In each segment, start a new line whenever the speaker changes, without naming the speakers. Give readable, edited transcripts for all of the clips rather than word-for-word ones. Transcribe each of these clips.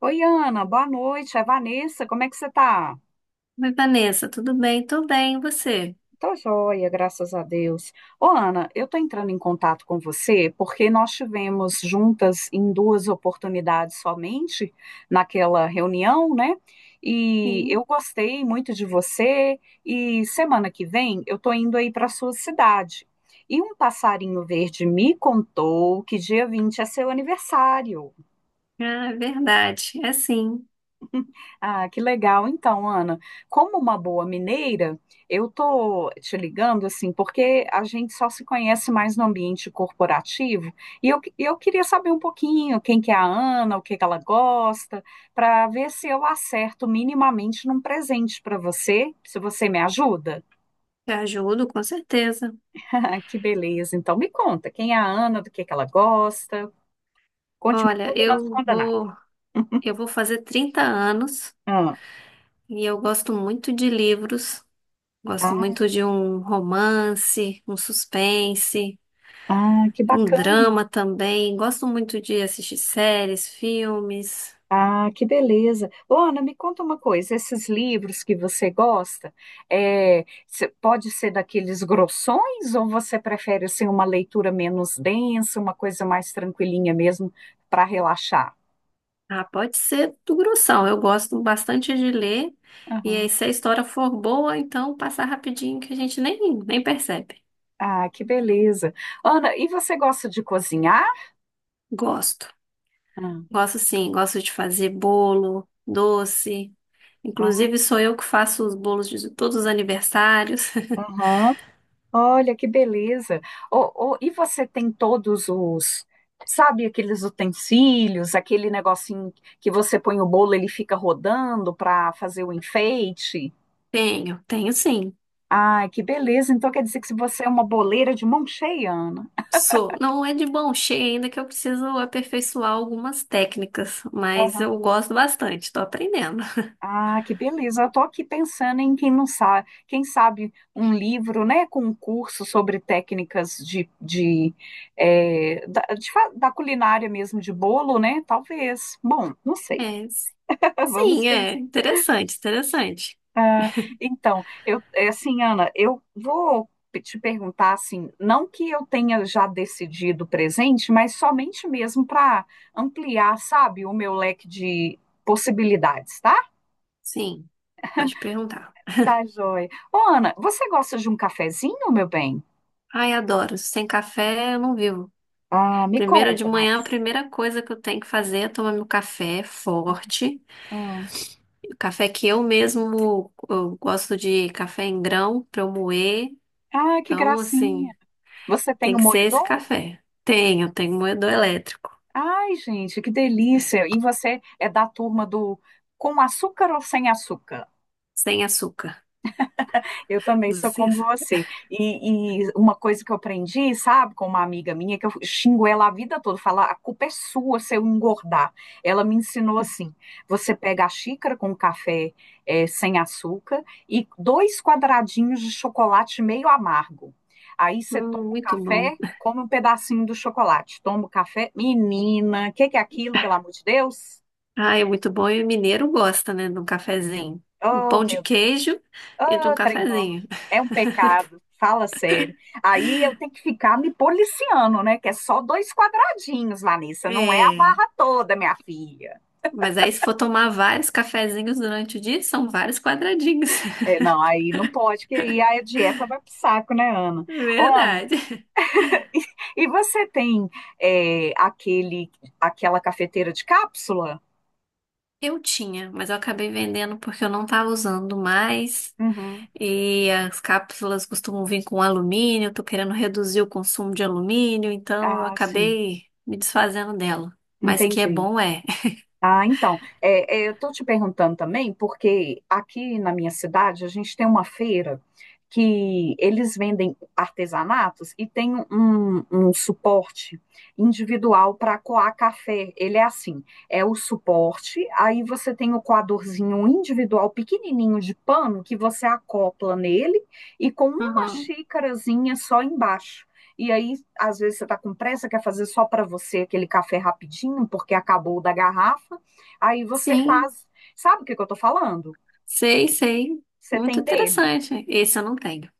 Oi, Ana, boa noite. É Vanessa, como é que você tá?
Oi, Vanessa, tudo bem? Tô bem, e você?
Tô joia, graças a Deus. Ô, Ana, eu tô entrando em contato com você porque nós tivemos juntas em duas oportunidades somente naquela reunião, né? E
Sim,
eu gostei muito de você e semana que vem eu tô indo aí para sua cidade. E um passarinho verde me contou que dia 20 é seu aniversário.
ah, é verdade. É sim,
Ah, que legal. Então, Ana, como uma boa mineira, eu tô te ligando assim, porque a gente só se conhece mais no ambiente corporativo, e eu queria saber um pouquinho quem que é a Ana, o que que ela gosta, para ver se eu acerto minimamente num presente para você, se você me ajuda.
te ajudo, com certeza.
Que beleza. Então, me conta, quem é a Ana, do que ela gosta? Conte-me
Olha,
tudo, não esconda nada.
eu vou fazer 30 anos
Ah,
e eu gosto muito de livros. Gosto
ah,
muito de um romance, um suspense,
ah, que
um
bacana.
drama também. Gosto muito de assistir séries, filmes.
Ah, que beleza. Ô, Ana. Me conta uma coisa, esses livros que você gosta, pode ser daqueles grossões ou você prefere assim, uma leitura menos densa, uma coisa mais tranquilinha mesmo para relaxar?
Ah, pode ser do grossão. Eu gosto bastante de ler. E aí,
Aham.
se a história for boa, então passa rapidinho que a gente nem percebe.
Ah, que beleza. Ana, e você gosta de cozinhar?
Gosto,
Ah,
gosto sim, gosto de fazer bolo, doce. Inclusive,
ah,
sou eu que faço os bolos de todos os aniversários.
aham. Olha que beleza. Ô, e você tem todos os, sabe, aqueles utensílios, aquele negocinho que você põe o bolo, ele fica rodando para fazer o enfeite?
Tenho, tenho sim.
Ai, que beleza. Então quer dizer que se você é uma boleira de mão cheia, Ana.
Sou. Não é de bom cheio ainda que eu preciso aperfeiçoar algumas técnicas, mas eu
Aham.
gosto bastante, tô aprendendo.
Ah, que beleza. Eu tô aqui pensando em quem não sabe, quem sabe um livro, né, com um curso sobre técnicas de, eh, da, de fa- da culinária mesmo de bolo, né? Talvez. Bom, não sei.
É, s-
Vamos
sim, é
pensar.
interessante, interessante.
Então, eu, é assim, Ana, te perguntar assim, não que eu tenha já decidido o presente, mas somente mesmo para ampliar, sabe, o meu leque de possibilidades, tá?
Sim, pode perguntar.
Tá, joia. Ô, Ana, você gosta de um cafezinho, meu bem?
Ai, adoro. Sem café eu não vivo.
Ah, me
Primeiro de
conta
manhã, a
mais.
primeira coisa que eu tenho que fazer é tomar meu café forte.
Ah,
Café que eu mesmo eu gosto de café em grão para eu moer.
ah, que
Então, assim,
gracinha. Você tem
tem
o
que ser esse
moedor?
café. Tenho, tenho moedor elétrico,
Ai, gente, que delícia. E você é da turma do com açúcar ou sem açúcar?
sem açúcar.
Eu também sou
Sem
como
açúcar.
você. E uma coisa que eu aprendi, sabe, com uma amiga minha, que eu xingo ela a vida toda, falar, a culpa é sua se eu engordar. Ela me ensinou assim: você pega a xícara com café sem açúcar e dois quadradinhos de chocolate meio amargo. Aí você toma o
Muito bom.
café, come um pedacinho do chocolate, toma o café. Menina, o que que é aquilo, pelo amor de Deus?
Ah, é muito bom e o mineiro gosta, né, de um cafezinho. No
Oh,
pão de
meu Deus.
queijo e de um
Ah, trem bom,
cafezinho.
é um pecado, fala sério. Aí eu tenho que ficar me policiando, né? Que é só dois quadradinhos, Vanessa, não é a
É,
barra toda, minha filha.
mas aí se for tomar vários cafezinhos durante o dia, são vários quadradinhos.
É, não, aí não pode, que aí a dieta vai pro saco, né, Ana? Ô, Ana,
Verdade.
e você tem é, aquele, aquela cafeteira de cápsula?
Eu tinha, mas eu acabei vendendo porque eu não estava usando mais.
Uhum.
E as cápsulas costumam vir com alumínio, eu tô querendo reduzir o consumo de alumínio, então eu
Ah, sim,
acabei me desfazendo dela. Mas que é
entendi.
bom é.
Ah, então, eu estou te perguntando também, porque aqui na minha cidade a gente tem uma feira que eles vendem artesanatos e tem um suporte individual para coar café. Ele é assim, é o suporte, aí você tem o coadorzinho individual pequenininho de pano que você acopla nele e com uma
Aham.
xícarazinha só embaixo. E aí, às vezes, você está com pressa, quer fazer só para você aquele café rapidinho, porque acabou o da garrafa. Aí você
Sim,
faz. Sabe o que que eu tô falando?
sei, sei.
Você
Muito
tem dele.
interessante. Esse eu não tenho.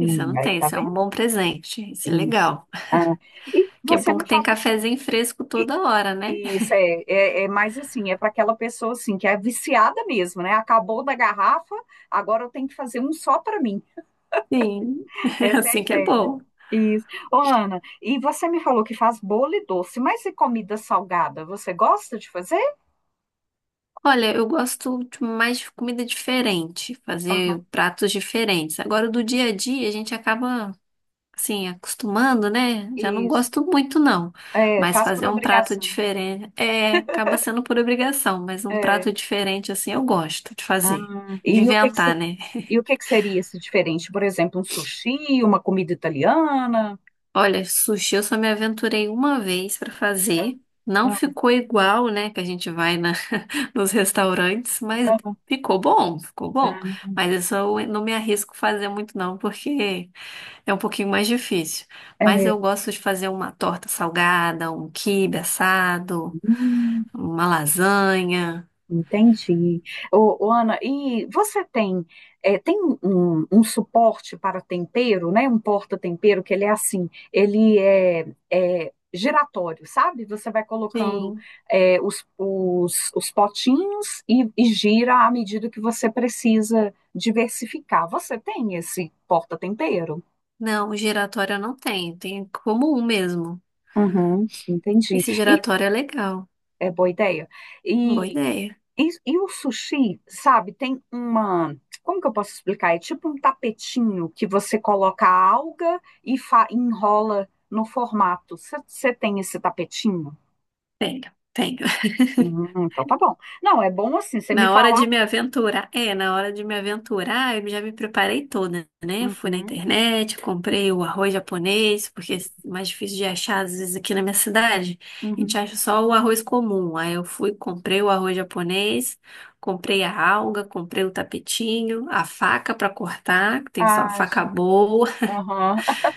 Esse eu não
Aí
tenho.
tá
Esse é um
vendo?
bom presente. Esse é
Isso.
legal.
Ah, e
Que é
você
bom
me
que tem
falou.
cafezinho fresco toda hora, né?
Isso é mais assim, é para aquela pessoa assim que é viciada mesmo, né? Acabou da garrafa, agora eu tenho que fazer um só para mim.
Sim,
Essa é a
assim que é
ideia.
bom.
Isso. Ô, Ana, e você me falou que faz bolo e doce, mas e comida salgada? Você gosta de fazer?
Olha, eu gosto tipo, mais de comida diferente,
Aham,
fazer pratos diferentes. Agora, do dia a dia, a gente acaba, assim, acostumando, né? Já não
isso.
gosto muito, não.
É,
Mas
faz por
fazer um prato
obrigação.
diferente, é, acaba sendo por obrigação, mas um
É.
prato diferente, assim, eu gosto de fazer,
Ah,
de inventar, né?
e o que que seria esse diferente? Por exemplo, um sushi, uma comida italiana?
Olha, sushi eu só me aventurei uma vez pra
Ah,
fazer. Não
ah,
ficou igual, né? Que a gente vai na nos restaurantes, mas
ah,
ficou bom, ficou bom.
ah,
Mas isso eu não me arrisco fazer muito não, porque é um pouquinho mais difícil. Mas
é,
eu gosto de fazer uma torta salgada, um quibe assado,
hum,
uma lasanha.
entendi. Ô, Ana, e você tem, tem um suporte para tempero, né? Um porta-tempero que ele é assim, é giratório, sabe? Você vai colocando
Sim.
os potinhos e gira à medida que você precisa diversificar. Você tem esse porta-tempero?
Não, o giratório eu não tenho, tem como um mesmo.
Uhum, entendi.
Esse
E
giratório é legal,
é boa ideia.
boa
E,
ideia.
e o sushi, sabe, tem uma. Como que eu posso explicar? É tipo um tapetinho que você coloca a alga e enrola no formato. Você tem esse tapetinho?
Tenho, tenho.
Uhum, então tá bom. Não, é bom assim, você me
Na hora
falar.
de me aventurar, é, na hora de me aventurar, eu já me preparei toda, né? Eu fui na
Uhum,
internet, comprei o arroz japonês, porque é mais difícil de achar, às vezes, aqui na minha cidade. A gente
uhum.
acha só o arroz comum. Aí eu fui, comprei o arroz japonês, comprei a alga, comprei o tapetinho, a faca pra cortar, que tem só uma
Ah,
faca
gente.
boa.
Aham.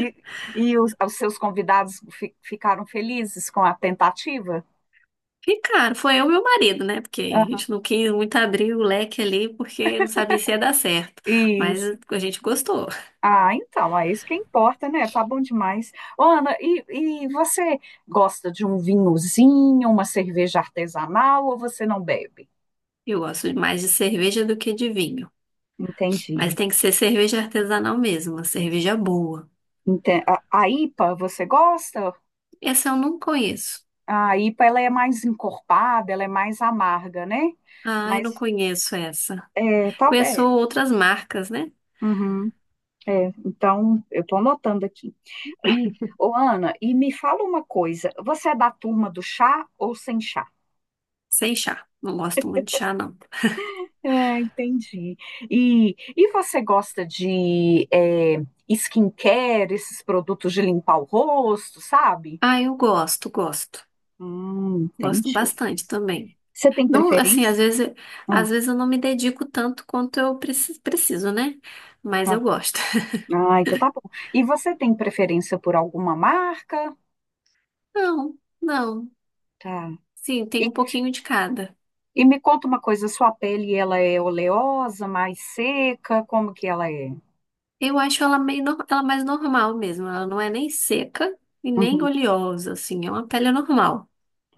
E, os seus ficaram felizes com a tentativa?
E, cara, foi eu e meu marido, né? Porque a
Aham.
gente não quis muito abrir o leque ali, porque não sabia se ia dar certo. Mas
Isso.
a gente gostou.
Ah, então, é isso que importa, né? Tá bom demais. Ô, Ana, e você gosta de um vinhozinho, uma cerveja artesanal ou você não bebe?
Eu gosto mais de cerveja do que de vinho. Mas
Entendi.
tem que ser cerveja artesanal mesmo, uma cerveja boa.
A IPA, você gosta?
Essa eu não conheço.
A IPA, ela é mais encorpada, ela é mais amarga, né?
Ah, eu não
Mas,
conheço essa.
é,
Conheço
talvez.
outras marcas, né?
Uhum, é, então, eu tô anotando aqui. E, ô, Ana, e me fala uma coisa, você é da turma do chá ou sem chá?
Sem chá. Não gosto muito de chá, não.
É, entendi. E você gosta de skincare, esses produtos de limpar o rosto, sabe?
Ah, eu gosto, gosto. Gosto
Entendi.
bastante também.
Você tem
Não, assim,
preferência? Hum,
às vezes eu não me dedico tanto quanto eu preciso, né? Mas eu
tá.
gosto.
Ah, então tá bom. E você tem preferência por alguma marca?
Não, não.
Tá.
Sim, tem
E,
um pouquinho de cada.
e me conta uma coisa, sua pele, ela é oleosa, mais seca? Como que ela é?
Eu acho ela meio, nor- ela mais normal mesmo. Ela não é nem seca e nem
Uhum.
oleosa, assim. É uma pele normal.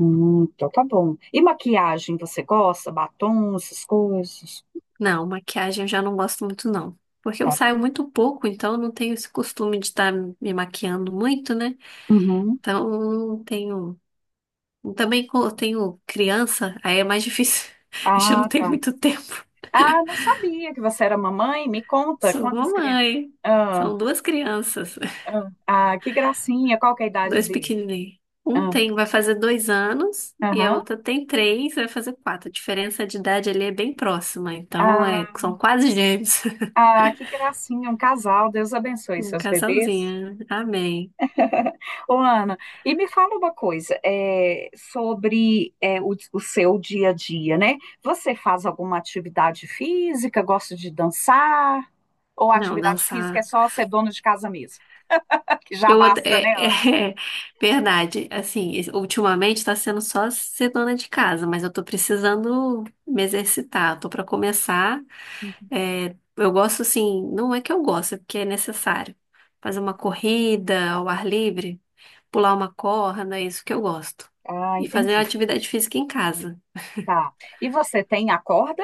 Então tá bom. E maquiagem, você gosta? Batom, essas coisas?
Não, maquiagem eu já não gosto muito, não. Porque eu
Tá bom.
saio muito pouco, então eu não tenho esse costume de estar me maquiando muito, né?
Uhum.
Então, não tenho. Também eu tenho criança, aí é mais difícil. A gente não
Ah,
tem
tá.
muito tempo.
Ah, não sabia que você era mamãe. Me conta
Sou
quantas crianças.
mamãe.
Ah,
São duas crianças.
ah, ah, que gracinha. Qual que é a idade
Dois
dele?
pequenininhos. Um
Ah,
tem, vai fazer 2 anos e a
aham.
outra tem 3, vai fazer 4. A diferença de idade ali é bem próxima, então é,
Ah,
são quase gêmeos.
ah, que gracinha. Um casal. Deus abençoe
Um
seus bebês.
casalzinho. Amém.
Ô, Ana, e me fala uma coisa sobre o seu dia a dia, né? Você faz alguma atividade física? Gosta de dançar? Ou a
Não,
atividade física é
dançar.
só ser dona de casa mesmo? Que já
Eu até-
basta, né,
é, é,
Ana?
é verdade. Assim, ultimamente está sendo só ser dona de casa, mas eu tô precisando me exercitar. Tô para começar.
Hum.
É, eu gosto assim, não é que eu gosto, é porque é necessário. Fazer uma corrida ao ar livre. Pular uma corda, é isso que eu gosto.
Ah,
E fazer
entendi.
atividade física em casa.
Tá. E você tem a corda?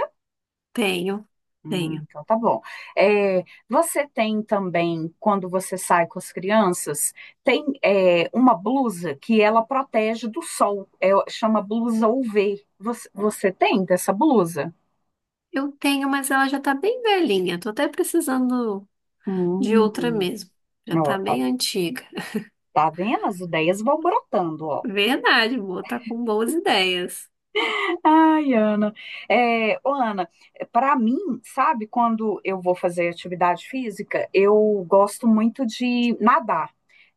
Tenho, tenho.
Então tá bom. É, você tem também, quando você sai com as crianças, tem uma blusa que ela protege do sol. É, chama blusa UV. Você tem dessa blusa?
Eu tenho, mas ela já tá bem velhinha. Tô até precisando de outra
Hum,
mesmo. Já tá
ó, tá,
bem antiga.
tá vendo? As ideias vão brotando, ó.
Verdade, boa, tá com boas ideias.
Ai, Ana. É, ô, Ana, para mim, sabe, quando eu vou fazer atividade física, eu gosto muito de nadar.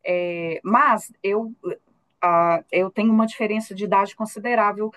É, mas eu, ah, eu tenho uma diferença de idade considerável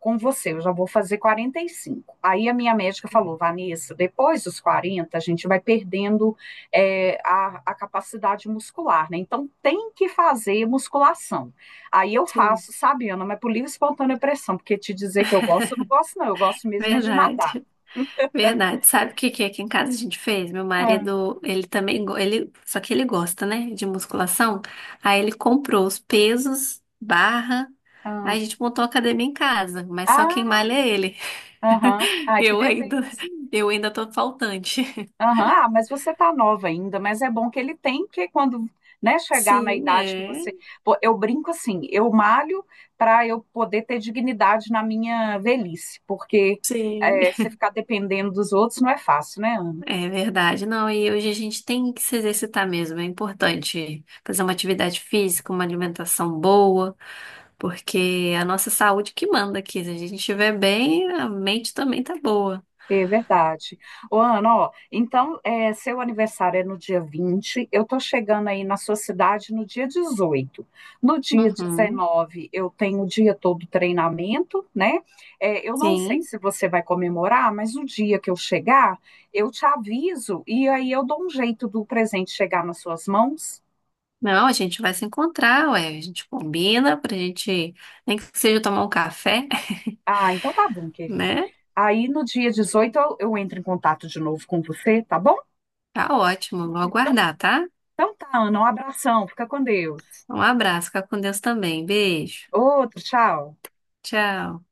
com você. Eu já vou fazer 45. Aí a minha médica falou, Vanessa, depois dos 40 a gente vai perdendo a capacidade muscular, né? Então tem que fazer musculação. Aí eu
Sim,
faço, sabe, Ana, mas por livre e espontânea pressão, porque te dizer que eu gosto, eu não gosto, não. Eu gosto mesmo é de nadar.
verdade. Verdade. Sabe o que que aqui em casa a gente fez? Meu
Ah,
marido, ele também, ele, só que ele gosta, né, de musculação. Aí ele comprou os pesos, barra.
ah,
Aí a gente montou a academia em casa, mas só quem
ah,
malha é ele.
aham, ah, que
Eu ainda,
beleza.
eu ainda tô faltante.
Aham, ah, mas você tá nova ainda, mas é bom que ele tem, porque quando, né, chegar na
Sim,
idade que
é.
você. Pô, eu brinco assim, eu malho para eu poder ter dignidade na minha velhice, porque
Sim.
é, você ficar dependendo dos outros não é fácil, né, Ana?
É verdade. Não, e hoje a gente tem que se exercitar mesmo, é importante fazer uma atividade física, uma alimentação boa. Porque é a nossa saúde que manda aqui. Se a gente estiver bem, a mente também tá boa.
É verdade. Ô, Ana, ó, então, é, seu aniversário é no dia 20, eu tô chegando aí na sua cidade no dia 18. No dia
Uhum,
19 eu tenho o dia todo treinamento, né? É, eu não sei
sim.
se você vai comemorar, mas o dia que eu chegar, eu te aviso e aí eu dou um jeito do presente chegar nas suas mãos.
Não, a gente vai se encontrar, ué. A gente combina pra gente, nem que seja tomar um café,
Ah, então tá bom, querida.
né?
Aí no dia 18 eu entro em contato de novo com você, tá bom?
Tá ótimo. Vou
Então,
aguardar, tá?
então tá, Ana, um abração, fica com Deus.
Um abraço, fica com Deus também. Beijo.
Outro, tchau.
Tchau.